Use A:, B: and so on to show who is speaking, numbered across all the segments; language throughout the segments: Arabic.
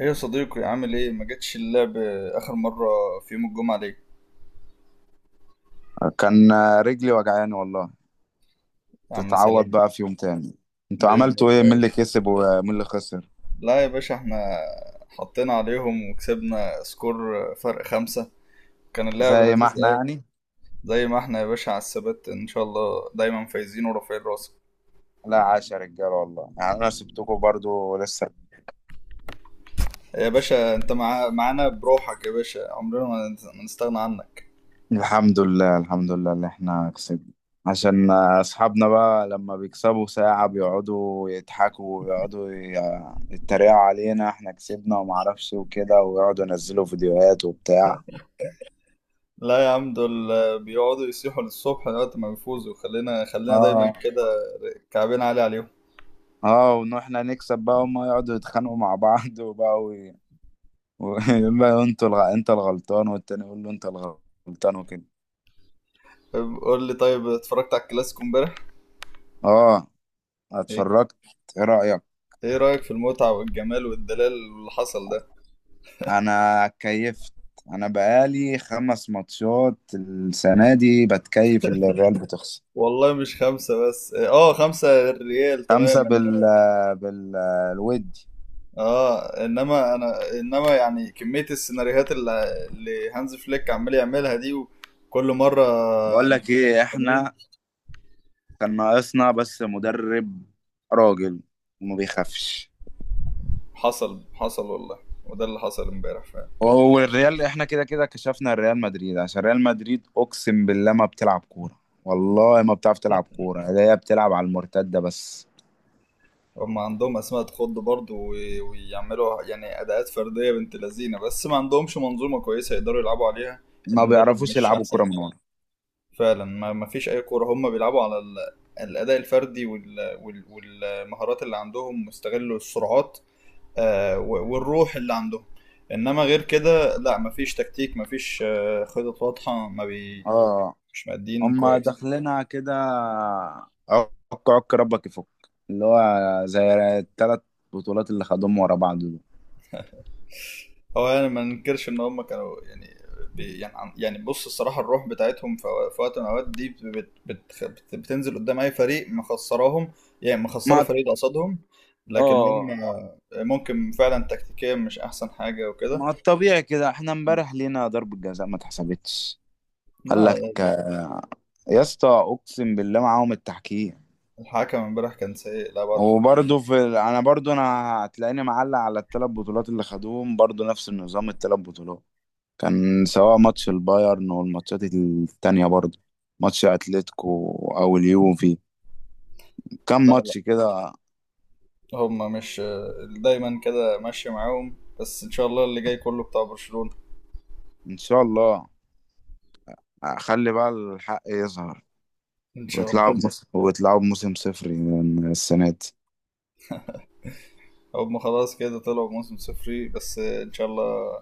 A: ايه يا صديقي، عامل ايه؟ ما جتش اللعب اخر مره في يوم الجمعه ليه؟
B: كان رجلي وجعاني والله.
A: يا عم
B: تتعوض
A: سلام.
B: بقى في يوم تاني. انتوا
A: باذن
B: عملتوا ايه؟ مين
A: الله.
B: اللي كسب ومين اللي خسر؟
A: لا يا باشا، احنا حطينا عليهم وكسبنا سكور فرق 5. كان اللعب
B: زي ما
A: لذيذ
B: احنا
A: قوي.
B: يعني.
A: زي ما احنا يا باشا على الثبات ان شاء الله، دايما فايزين ورافعين راسك.
B: لا عاش يا رجاله والله، يعني انا سبتكم برضو لسه.
A: يا باشا انت معانا بروحك، يا باشا عمرنا ما نستغنى عنك.
B: الحمد لله، الحمد لله اللي احنا كسبنا. عشان اصحابنا بقى لما بيكسبوا ساعة بيقعدوا يضحكوا ويقعدوا يتريقوا علينا، احنا كسبنا وما اعرفش وكده، ويقعدوا ينزلوا فيديوهات وبتاع.
A: لا يا عم، دول بيقعدوا يصيحوا للصبح لغايه ما بيفوزوا. خلينا خلينا دايما
B: اه،
A: كده، كعبين عالي عليهم.
B: اه، وان احنا نكسب بقى هما يقعدوا يتخانقوا مع بعض وبقى ويقول له انت الغلطان، والتاني يقول له انت الغلطان وكده.
A: طيب، قول لي، طيب اتفرجت على الكلاسيكو امبارح؟
B: اه،
A: ايه،
B: اتفرجت. ايه رأيك؟
A: إيه رأيك في المتعة والجمال والدلال اللي حصل ده؟
B: انا كيفت. انا بقالي خمس ماتشات السنة دي بتكيف اللي الريال بتخسر.
A: والله مش خمسة بس، اه خمسة ريال تمام،
B: خمسة بال بال الودي.
A: اه انما انما يعني كمية السيناريوهات اللي هانز فليك عمال يعملها دي، وكل مرة
B: بقول لك
A: نبقى
B: ايه،
A: خسرانين.
B: احنا كان ناقصنا بس مدرب راجل وما بيخافش.
A: حصل حصل والله، وده اللي حصل امبارح فعلا.
B: هو الريال احنا كده كده كشفنا الريال مدريد، عشان ريال مدريد اقسم بالله ما بتلعب كوره، والله ما بتعرف تلعب كوره، هي بتلعب على المرتده بس.
A: هم عندهم اسماء تخض برضه، ويعملوا يعني اداءات فردية بنت لذينة، بس ما عندهمش منظومة كويسة يقدروا يلعبوا عليها.
B: ما
A: المدرب
B: بيعرفوش
A: مش
B: يلعبوا
A: احسن
B: كوره من ورا.
A: فعلا. ما فيش اي كوره، هم بيلعبوا على الاداء الفردي والمهارات اللي عندهم، واستغلوا السرعات. والروح اللي عندهم. انما غير كده لا، ما فيش تكتيك، ما فيش خطط واضحه. ما بي...
B: اه،
A: مش مادين
B: هما
A: كويس.
B: داخلينها كده عك. عك ربك يفك، اللي هو زي الثلاث بطولات اللي خدوهم ورا بعض دول.
A: هو يعني ما ننكرش ان هم كانوا يعني، يعني بص الصراحه الروح بتاعتهم في وقت من الاوقات دي بت بت بت بتنزل قدام اي فريق مخسراهم. يعني مخسروا
B: ما،
A: فريق ده قصادهم. لكن هم
B: اه،
A: ممكن فعلا تكتيكيا مش احسن حاجه وكده.
B: ما الطبيعي كده، احنا امبارح لينا ضربة جزاء ما اتحسبتش. قال
A: لا،
B: لك يا اسطى اقسم بالله معاهم التحكيم.
A: الحكم امبارح كان سيء لا بعض الحدود.
B: وبرضه في انا برضه هتلاقيني معلق على الثلاث بطولات اللي خدوهم برضه نفس النظام، الثلاث بطولات كان سواء ماتش البايرن والماتشات التانية برضه، ماتش اتلتيكو او اليوفي، كم
A: لا، لا،
B: ماتش كده.
A: هم مش دايما كده ماشيه معاهم، بس ان شاء الله اللي جاي كله بتاع برشلونه.
B: ان شاء الله خلي بقى الحق يظهر،
A: ان شاء الله.
B: ويطلعوا بموسم صفري من السنة دي.
A: هم خلاص كده طلعوا بموسم صفري، بس ان شاء الله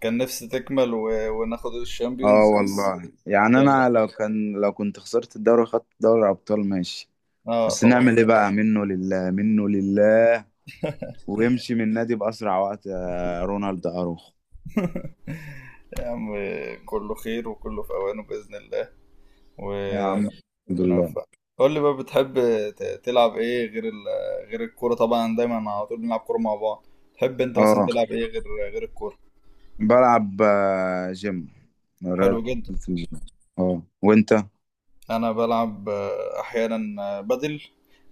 A: كان نفسي تكمل وناخد
B: اه
A: الشامبيونز بس.
B: والله يعني
A: يلا،
B: انا لو كنت خسرت الدوري وخدت دوري ابطال ماشي.
A: اه
B: بس
A: طبعا.
B: نعمل ايه بقى، منه لله منه لله، ويمشي من النادي بأسرع وقت يا رونالد أروخو.
A: يا عم، كله خير وكله في اوانه باذن الله.
B: يا عم، الحمد
A: وربنا
B: لله.
A: يوفقك. قول لي بقى، بتحب تلعب ايه غير غير الكوره؟ طبعا دايما على طول بنلعب كوره مع بعض. تحب انت مثلا
B: اه،
A: تلعب ايه غير الكوره؟
B: بلعب جيم،
A: حلو
B: رياضة،
A: جدا.
B: الجيم. اه، وانت؟
A: انا بلعب احيانا بدل.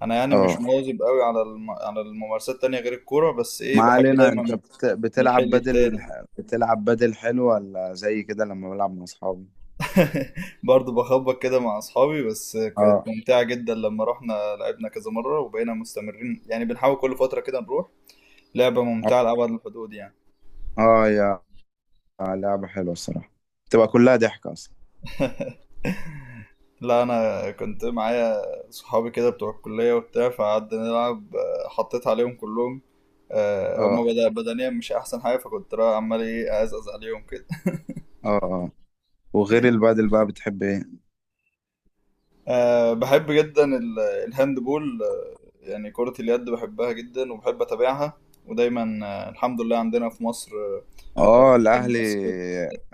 A: انا يعني مش
B: اه،
A: مواظب قوي على على الممارسات التانية غير الكوره، بس ايه
B: ما
A: بحب
B: علينا.
A: دايما
B: انت
A: من
B: بتلعب
A: الحل
B: بدل؟
A: التاني.
B: بتلعب بدل حلو، ولا زي كده لما بلعب مع اصحابي؟
A: برضه بخبط كده مع اصحابي، بس كانت
B: اه،
A: ممتعة جدا لما رحنا لعبنا كذا مرة، وبقينا مستمرين يعني بنحاول كل فترة كده نروح. لعبة
B: اه،
A: ممتعة لأبعد الحدود يعني.
B: آه، يا لعبة حلوة الصراحة، تبقى كلها ضحك اصلا.
A: لا انا كنت معايا صحابي كده بتوع الكلية وبتاع، فقعدنا نلعب حطيت عليهم كلهم. هما
B: اه،
A: بدنيا مش احسن حاجة، فكنت رايح عمال ايه ازقز عليهم كده.
B: اه، اه، وغير البدل بقى بتحب ايه؟
A: أه بحب جدا الهاند بول، يعني كرة اليد بحبها جدا وبحب اتابعها. ودايما الحمد لله عندنا في مصر
B: اه، الاهلي،
A: الناس،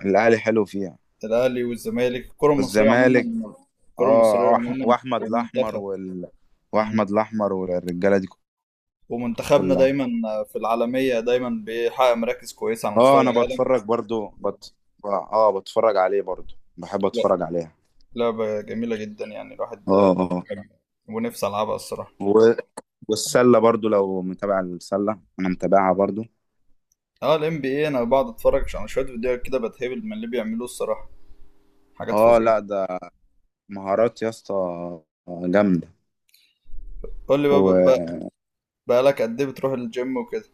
B: الاهلي حلو فيها.
A: الاهلي والزمالك،
B: والزمالك.
A: الكره المصريه
B: اه،
A: عموما
B: واحمد الاحمر
A: والمنتخب. مم.
B: واحمد الاحمر والرجاله دي
A: ومنتخبنا
B: كلها.
A: دايما في العالميه، دايما بيحقق مراكز كويسه على
B: اه
A: مستوى
B: انا
A: العالم.
B: بتفرج برضو اه، بتفرج عليه برضو، بحب
A: لا،
B: اتفرج عليها.
A: لعبه جميله جدا يعني، الواحد
B: اه، اه، آه.
A: كان- ونفسي العبها الصراحه.
B: و... والسله برضو، لو متابع السله انا متابعها برضو.
A: اه، NBA انا بقعد اتفرج على شويه فيديوهات كده، بتهبل من اللي بيعملوه الصراحه. حاجات
B: اه
A: فظيعه.
B: لا، ده مهارات يا اسطى جامده.
A: قول لي
B: و...
A: بقى، بقالك قد ايه بتروح الجيم وكده؟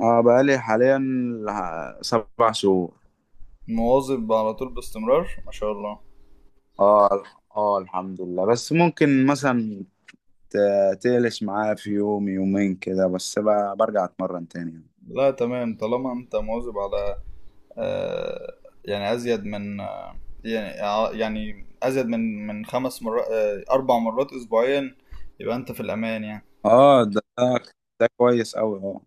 B: اه، بقالي حاليا 7 شهور.
A: مواظب على طول باستمرار ما شاء الله.
B: اه، اه الحمد لله، بس ممكن مثلا تقلش معايا في يوم يومين كده، بس بقى برجع اتمرن تاني يعني.
A: لا تمام، طالما انت مواظب على، آه، يعني ازيد من، يعني ازيد من 5 مرات، 4 مرات اسبوعيا، يبقى انت في الامان يعني.
B: اه، ده ده كويس قوي، اه.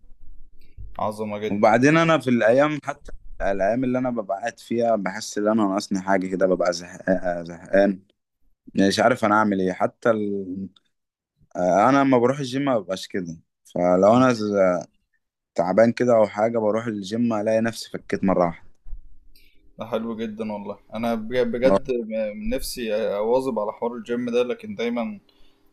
A: عظمه جدا.
B: وبعدين انا في الايام، حتى الايام اللي انا ببقى قاعد فيها، بحس ان انا ناقصني حاجه كده، ببقى زهقان، زهقان مش عارف انا اعمل ايه، انا لما بروح الجيم ما ببقاش كده. فلو انا ز- تعبان كده او حاجه بروح الجيم الاقي نفسي فكيت مره واحده.
A: ده حلو جدا والله. انا
B: آه،
A: بجد نفسي اواظب على حوار الجيم ده، لكن دايما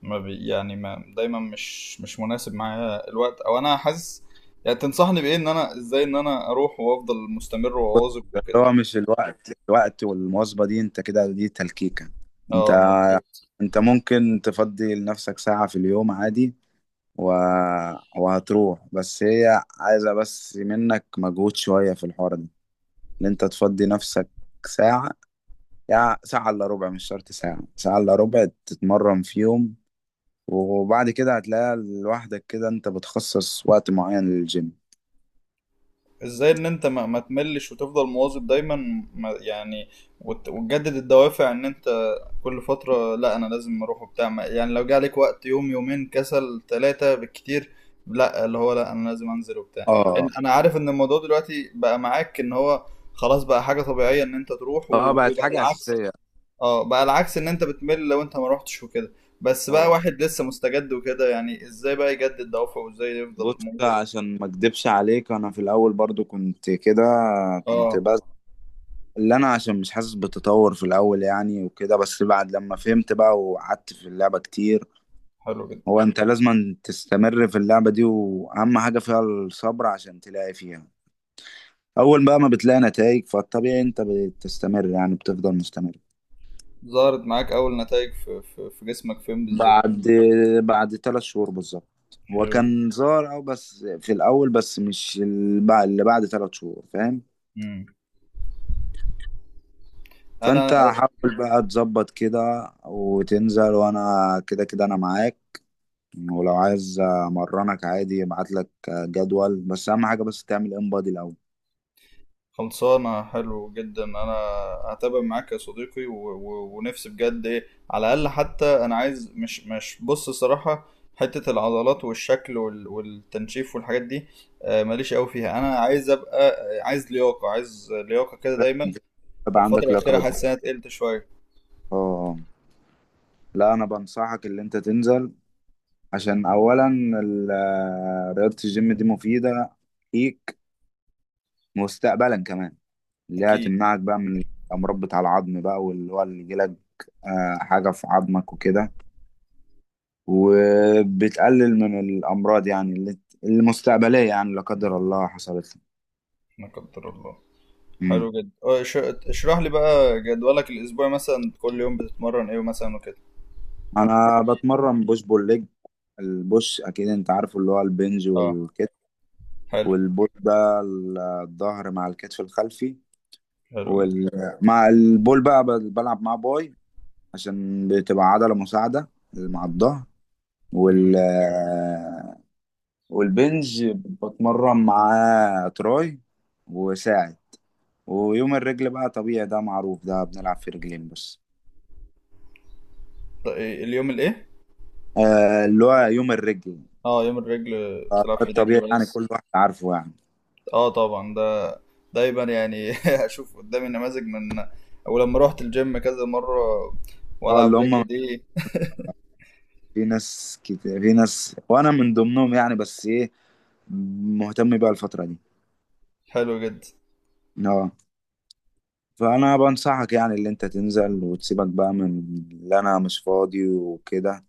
A: ما بي يعني ما دايما مش مناسب معايا الوقت، او انا حاسس. يعني تنصحني بايه ان انا ازاي ان انا اروح وافضل مستمر
B: بص،
A: واواظب وكده؟
B: اللي هو مش الوقت، الوقت والمواظبه دي انت كده دي تلكيكه.
A: اه
B: انت
A: مظبوط.
B: انت ممكن تفضي لنفسك ساعة في اليوم عادي، و... وهتروح، بس هي عايزة بس منك مجهود شوية في الحوار ده، ان انت تفضي نفسك ساعة، يا ساعة الا ربع، مش شرط ساعة، ساعة الا ربع تتمرن فيهم، وبعد كده هتلاقي لوحدك كده انت بتخصص وقت معين للجيم.
A: ازاي ان انت ما تملش وتفضل مواظب دايما؟ ما يعني وتجدد الدوافع ان انت كل فترة لا انا لازم اروح وبتاع. يعني لو جه عليك وقت يوم يومين كسل، 3 بالكتير، لا اللي هو لا انا لازم انزل وبتاع.
B: اه،
A: انا عارف ان الموضوع دلوقتي بقى معاك، ان هو خلاص بقى حاجة طبيعية ان انت تروح،
B: اه
A: وبقى
B: بقت حاجة
A: العكس.
B: أساسية.
A: اه بقى العكس، ان انت بتمل لو انت ما روحتش وكده. بس بقى
B: اه،
A: واحد لسه مستجد وكده، يعني ازاي بقى يجدد دوافعه وازاي
B: بص،
A: يفضل موظف؟
B: عشان ما اكدبش عليك، انا في الاول برضو كنت كده، كنت
A: اه.
B: اللي انا عشان مش حاسس بتطور في الاول يعني وكده، بس بعد لما فهمت بقى وقعدت في اللعبة كتير،
A: حلو جدا.
B: هو انت لازم تستمر في اللعبة دي، واهم حاجة فيها الصبر، عشان تلاقي فيها اول بقى ما بتلاقي نتائج، فالطبيعي انت بتستمر، يعني بتفضل مستمر.
A: ظهرت معاك اول نتائج في جسمك فين بالظبط؟
B: بعد بعد 3 شهور بالظبط هو
A: حلو جدا.
B: كان ظاهر او بس في الاول، بس مش اللي بعد 3 شهور، فاهم.
A: مم. انا
B: فانت حاول بقى تظبط كده وتنزل، وانا كده كده انا معاك. ولو عايز امرنك عادي، ابعت لك جدول، بس اهم حاجه بس تعمل انبادي الاول،
A: خلصانه. حلو جدا، انا هتابع معاك يا صديقي، ونفسي بجد ايه على الاقل، حتى انا عايز مش بص صراحه، حته العضلات والشكل والتنشيف والحاجات دي، ماليش قوي فيها. انا عايز ابقى عايز لياقه، عايز لياقه كده دايما.
B: يبقى
A: الفتره
B: عندك لياقه
A: الاخيره
B: بدنيه.
A: حاسس انها تقلت شويه.
B: اه، آه. لا انا بنصحك ان انت تنزل، عشان اولا رياضه الجيم دي مفيده ليك مستقبلا كمان، اللي هي
A: اكيد.
B: هتمنعك بقى من الامراض بتاع العظم بقى، واللي هو اللي يجيلك حاجه في عظمك وكده، وبتقلل من الامراض يعني، اللي مستقبليه، يعني لا قدر الله حصلت
A: لا قدر الله.
B: لك.
A: حلو جدا. اشرح لي بقى جدولك الاسبوعي مثلا، كل يوم بتتمرن ايه مثلا وكده؟
B: انا بتمرن بوش بول ليج. البوش اكيد انت عارفه، اللي هو البنج
A: اه.
B: والكتف.
A: حلو
B: والبول ده الظهر مع الكتف الخلفي،
A: حلو جدا.
B: وال... مع البول بقى بلعب معاه باي، عشان بتبقى عضلة مساعدة مع الظهر. وال
A: جميل.
B: والبنج بتمرن معاه تراي وساعد. ويوم الرجل بقى طبيعي، ده معروف، ده بنلعب في رجلين بس.
A: طيب، اليوم الايه؟
B: اللي هو يوم الرجل.
A: اه يوم الرجل، بتلعب
B: ده
A: في
B: الطبيعي
A: رجل
B: يعني،
A: بس؟
B: كل واحد عارفه يعني.
A: اه طبعا ده دايما يعني، اشوف قدامي نماذج من، او لما روحت الجيم كذا مره
B: اه، اللي
A: والعب
B: هم
A: رجل دي.
B: في ناس كتير، في ناس وانا من ضمنهم يعني، بس ايه، مهتم بقى الفترة دي.
A: حلو جدا.
B: اه، فانا بنصحك يعني اللي انت تنزل وتسيبك بقى من اللي انا مش فاضي وكده،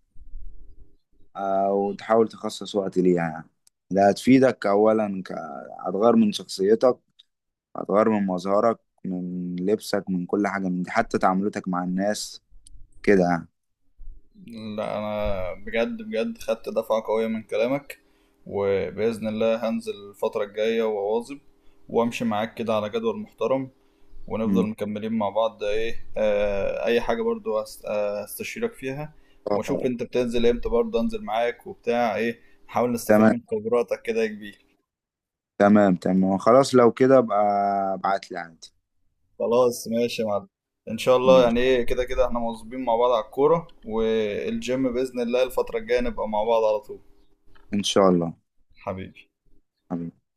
B: وتحاول تخصص وقت ليها يعني، ده هتفيدك اولا هتغير من شخصيتك، هتغير من مظهرك، من لبسك، من كل حاجة من دي، حتى تعاملتك مع الناس كده يعني.
A: لا انا بجد بجد خدت دفعه قويه من كلامك، وباذن الله هنزل الفتره الجايه وأواظب، وامشي معاك كده على جدول محترم، ونفضل
B: مم.
A: مكملين مع بعض، ايه آه اي حاجة برضو هستشيرك فيها. واشوف
B: اه،
A: انت بتنزل امتى برضه انزل معاك وبتاع ايه، نحاول نستفيد
B: تمام،
A: من خبراتك كده يا كبير.
B: تمام، تمام، خلاص لو كده ابقى ابعت لي عادي.
A: خلاص ماشي يا معلم. ان شاء الله
B: ماشي.
A: يعني، ايه كده كده احنا مواظبين مع بعض على الكورة والجيم، بإذن الله الفترة الجاية نبقى مع بعض على طول.
B: ان شاء الله.
A: حبيبي.
B: حبيبي.